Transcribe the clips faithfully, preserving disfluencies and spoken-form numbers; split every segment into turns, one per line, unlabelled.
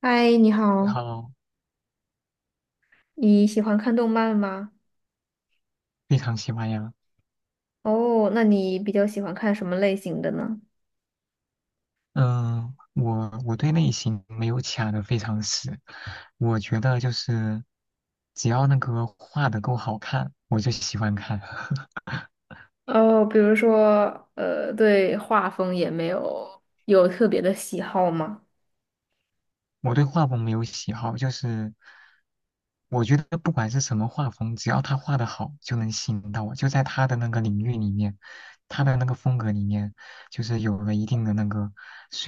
嗨，你
你
好，
好，
你喜欢看动漫吗？
非常喜欢呀。
哦，那你比较喜欢看什么类型的呢？
嗯，我我对类型没有卡的非常死，我觉得就是只要那个画的够好看，我就喜欢看。
哦，比如说，呃，对画风也没有有特别的喜好吗？
我对画风没有喜好，就是我觉得不管是什么画风，只要他画的好，就能吸引到我，就在他的那个领域里面，他的那个风格里面，就是有了一定的那个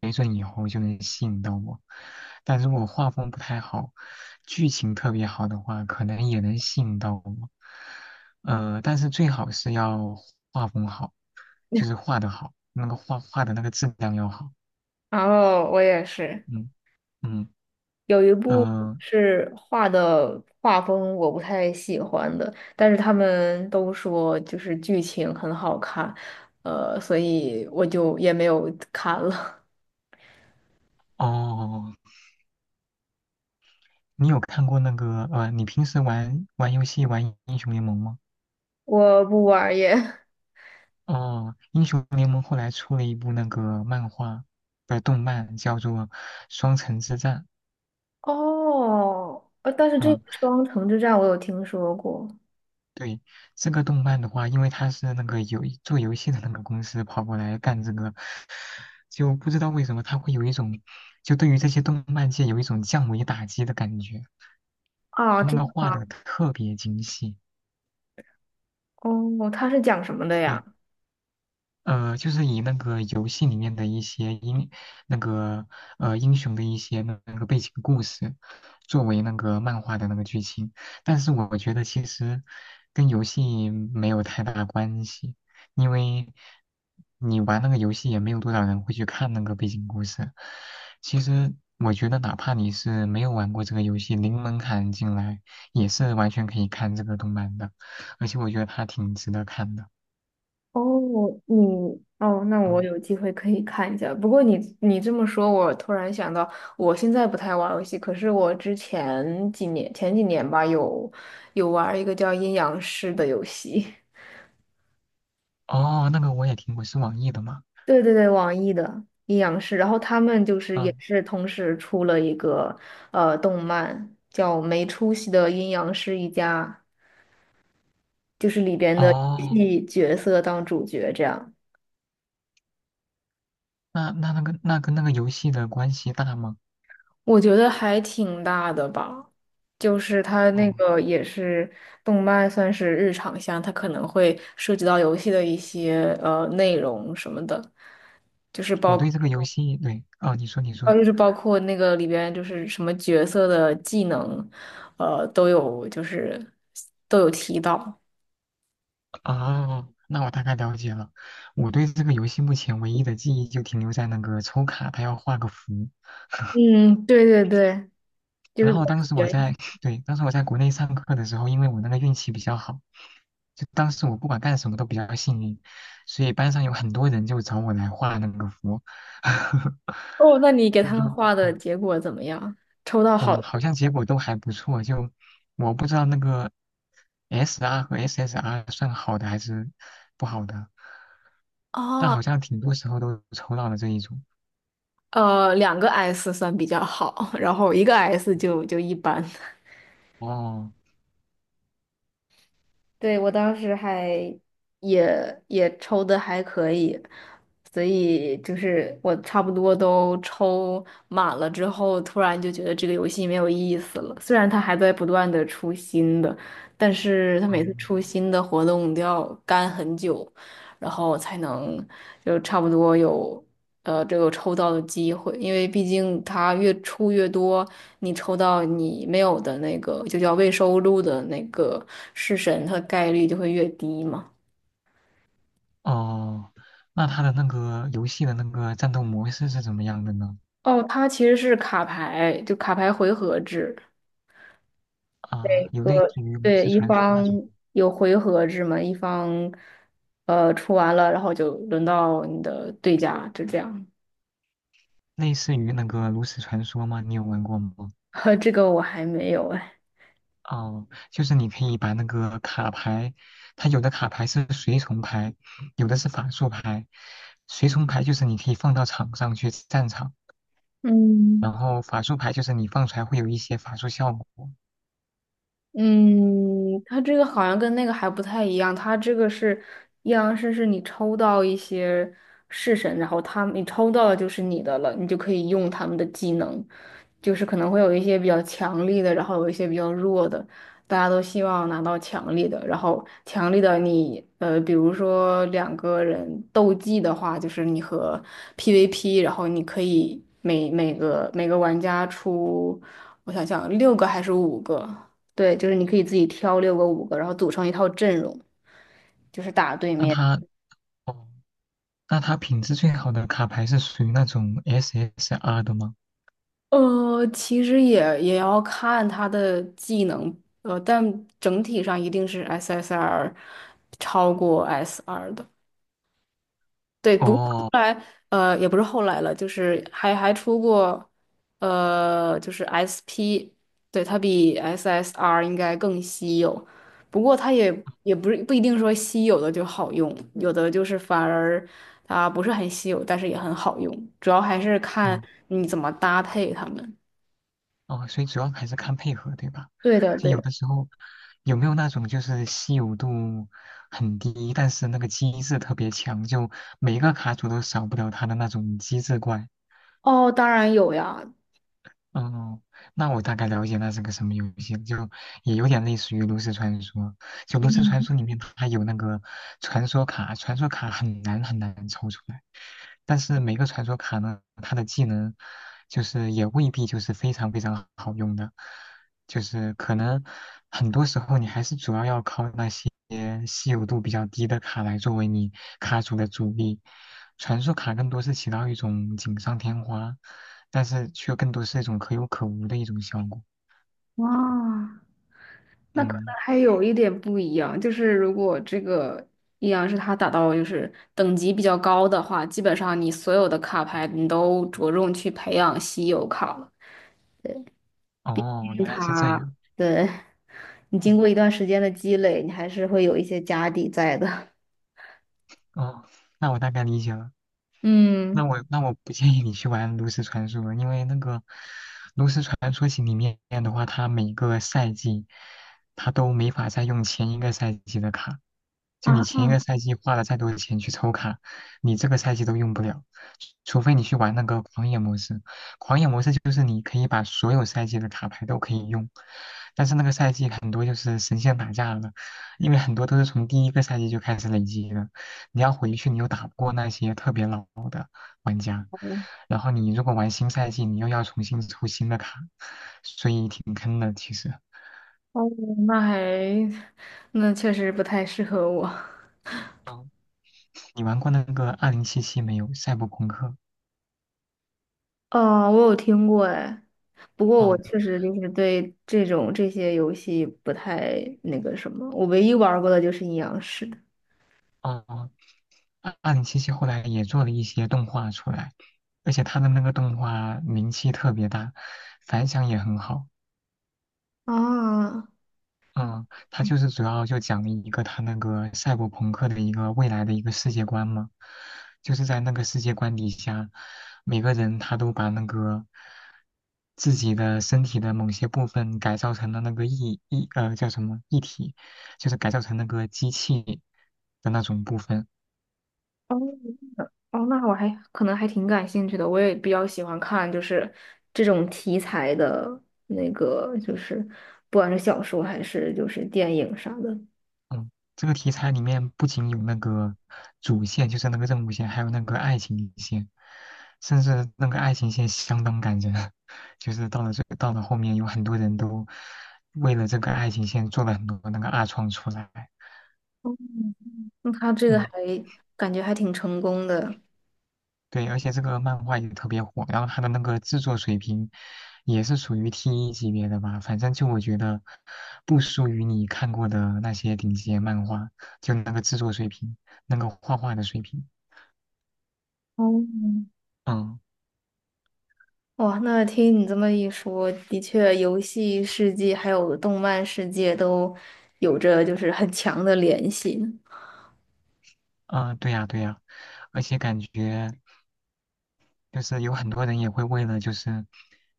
没准以后就能吸引到我。但如果画风不太好，剧情特别好的话，可能也能吸引到我。呃，但是最好是要画风好，就是画的好，那个画画的那个质量要好。
哦，我也是，
嗯。嗯。
有一部
呃
是画的画风我不太喜欢的，但是他们都说就是剧情很好看，呃，所以我就也没有看了。
哦，你有看过那个呃，你平时玩玩游戏玩英雄联盟吗？
我不玩儿耶。
哦，英雄联盟后来出了一部那个漫画，不是动漫，叫做《双城之战》。
哦，呃，但是这个
嗯，
双城之战我有听说过。
对，这个动漫的话，因为他是那个游做游戏的那个公司跑过来干这个，就不知道为什么他会有一种，就对于这些动漫界有一种降维打击的感觉。
啊，
他那
真的
个画
吗？
的特别精细。
哦，它是讲什么的呀？
呃，就是以那个游戏里面的一些英那个呃英雄的一些那那个背景故事，作为那个漫画的那个剧情。但是我觉得其实跟游戏没有太大关系，因为你玩那个游戏也没有多少人会去看那个背景故事。其实我觉得，哪怕你是没有玩过这个游戏，零门槛进来也是完全可以看这个动漫的，而且我觉得它挺值得看的。
哦，你哦，那我
哦。
有机会可以看一下。不过你你这么说，我突然想到，我现在不太玩游戏，可是我之前几年前几年吧，有有玩一个叫《阴阳师》的游戏。
哦，那个我也听过，是网易的嘛？
对对对，网易的《阴阳师》，然后他们就是也
嗯。
是同时出了一个呃动漫，叫《没出息的阴阳师一家》。就是里边的
哦，
戏角色当主角这样。
那那那个那跟那个游戏的关系大吗？
我觉得还挺大的吧，就是它那
哦，
个也是动漫，算是日常向，它可能会涉及到游戏的一些呃内容什么的，就是
我
包
对这个游戏，对。哦，你说你
呃
说。
就是包括那个里边就是什么角色的技能，呃都有就是都有提到。
哦，那我大概了解了。我对这个游戏目前唯一的记忆就停留在那个抽卡，它要画个符。
嗯，对对对，就
然
是比
后当时
较
我
悬疑。
在，对，当时我在国内上课的时候，因为我那个运气比较好，就当时我不管干什么都比较幸运，所以班上有很多人就找我来画那个符，
哦，那你给
就
他
他
们画
们。
的结果怎么样？抽到好
嗯，
的。
好像结果都还不错，就我不知道那个 S R 和 S S R 算好的还是不好的，但好
哦，
像挺多时候都抽到了这一种。
呃，两个 S 算比较好，然后一个 S 就就一般。
哦。
对，我当时还也也抽的还可以，所以就是我差不多都抽满了之后，突然就觉得这个游戏没有意思了。虽然它还在不断的出新的，但是它每次
嗯。
出新的活动都要干很久，然后才能就差不多有。呃这个抽到的机会，因为毕竟它越出越多，你抽到你没有的那个就叫未收录的那个式神，它的概率就会越低嘛。
哦，那它的那个游戏的那个战斗模式是怎么样的呢？
哦，它其实是卡牌，就卡牌回合制，
啊，
每
有类
个
似于炉
对
石
一
传说那种，
方有回合制嘛，一方呃出完了，然后就轮到你的对家，就这样。
类似于那个炉石传说吗？你有玩过吗？
呵这个我还没有哎。
哦，就是你可以把那个卡牌，它有的卡牌是随从牌，有的是法术牌。随从牌就是你可以放到场上去战场，然
嗯。
后法术牌就是你放出来会有一些法术效果。
嗯，它这个好像跟那个还不太一样，它这个是阴阳师，是你抽到一些式神，然后他们你抽到的就是你的了，你就可以用他们的技能，就是可能会有一些比较强力的，然后有一些比较弱的，大家都希望拿到强力的，然后强力的你，呃，比如说两个人斗技的话，就是你和 P V P，然后你可以每每个每个玩家出，我想想，六个还是五个。对，就是你可以自己挑六个五个，然后组成一套阵容，就是打对
那
面。
它，哦，那它品质最好的卡牌是属于那种 S S R 的吗？
呃，其实也也要看他的技能，呃，但整体上一定是 S S R 超过 S R 的。对，不过后
哦。
来呃也不是后来了，就是还还出过呃就是 S P，对，它比 S S R 应该更稀有，不过它也也不是不一定说稀有的就好用，有的就是反而它不是很稀有，但是也很好用，主要还是看
哦。
你怎么搭配它们。
哦，所以主要还是看配合，对吧？
对的，
就
对
有
的。
的时候有没有那种就是稀有度很低，但是那个机制特别强，就每一个卡组都少不了它的那种机制怪。
哦，当然有呀。
哦，那我大概了解那是个什么游戏，就也有点类似于炉石传说。就炉石传说里面它有那个传说卡，传说卡很难很难抽出来。但是每个传说卡呢，它的技能就是也未必就是非常非常好用的，就是可能很多时候你还是主要要靠那些稀有度比较低的卡来作为你卡组的主力。传说卡更多是起到一种锦上添花，但是却更多是一种可有可无的一种效果。
哇，那可能
嗯。
还有一点不一样，就是如果这个阴阳师他打到就是等级比较高的话，基本上你所有的卡牌你都着重去培养稀有卡了，对，
哦，
金
原来是这
卡。
样。
对，你
哦。
经过一段时间的积累，你还是会有一些家底在的。
哦，那我大概理解了。那
嗯。
我那我不建议你去玩炉石传说，因为那个炉石传说型里面的话，它每个赛季它都没法再用前一个赛季的卡，就
啊，
你前一个赛季花了再多的钱去抽卡，你这个赛季都用不了，除非你去玩那个狂野模式。狂野模式就是你可以把所有赛季的卡牌都可以用，但是那个赛季很多就是神仙打架了，因为很多都是从第一个赛季就开始累积的，你要回去你又打不过那些特别老的玩家，然后你如果玩新赛季，你又要重新抽新的卡，所以挺坑的其实。
哦，那还那确实不太适合我。
嗯，你玩过那个二零七七没有？赛博朋克。
哦，我有听过哎，不过我
哦。
确实就是对这种这些游戏不太那个什么，我唯一玩儿过的就是阴阳师的。
哦。哦，二二零七七后来也做了一些动画出来，而且它的那个动画名气特别大，反响也很好。
啊，
嗯，它就是主要就讲了一个它那个赛博朋克的一个未来的一个世界观嘛，就是在那个世界观底下，每个人他都把那个自己的身体的某些部分改造成了那个一一呃叫什么一体，就是改造成那个机器的那种部分。
哦哦，那我还可能还挺感兴趣的，我也比较喜欢看就是这种题材的那个，就是不管是小说还是就是电影啥的。
嗯，这个题材里面不仅有那个主线，就是那个任务线，还有那个爱情线，甚至那个爱情线相当感人，就是到了最到了后面，有很多人都为了这个爱情线做了很多那个二创出来。
哦，那他这个还
嗯，
感觉还挺成功的。
对，而且这个漫画也特别火，然后它的那个制作水平也是属于 T 一级别的吧，反正就我觉得不输于你看过的那些顶级漫画，就那个制作水平，那个画画的水平。
哦，
嗯。
哇，那听你这么一说，的确，游戏世界还有动漫世界都有着就是很强的联系呢。
啊，对呀，对呀，而且感觉就是有很多人也会为了就是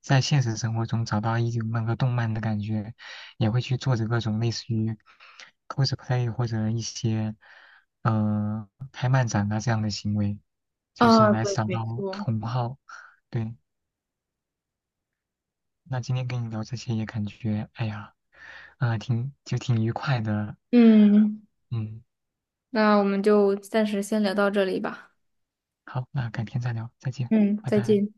在现实生活中找到一种那个动漫的感觉，也会去做着各种类似于 cosplay 或者一些呃开漫展啊这样的行为，就是
啊，
来
对，
找
没
到
错。
同好。对，那今天跟你聊这些也感觉，哎呀，啊，挺就挺愉快的。
嗯，
嗯。
那我们就暂时先聊到这里吧。
好，那改天再聊，再见，
嗯，
拜
再
拜。
见。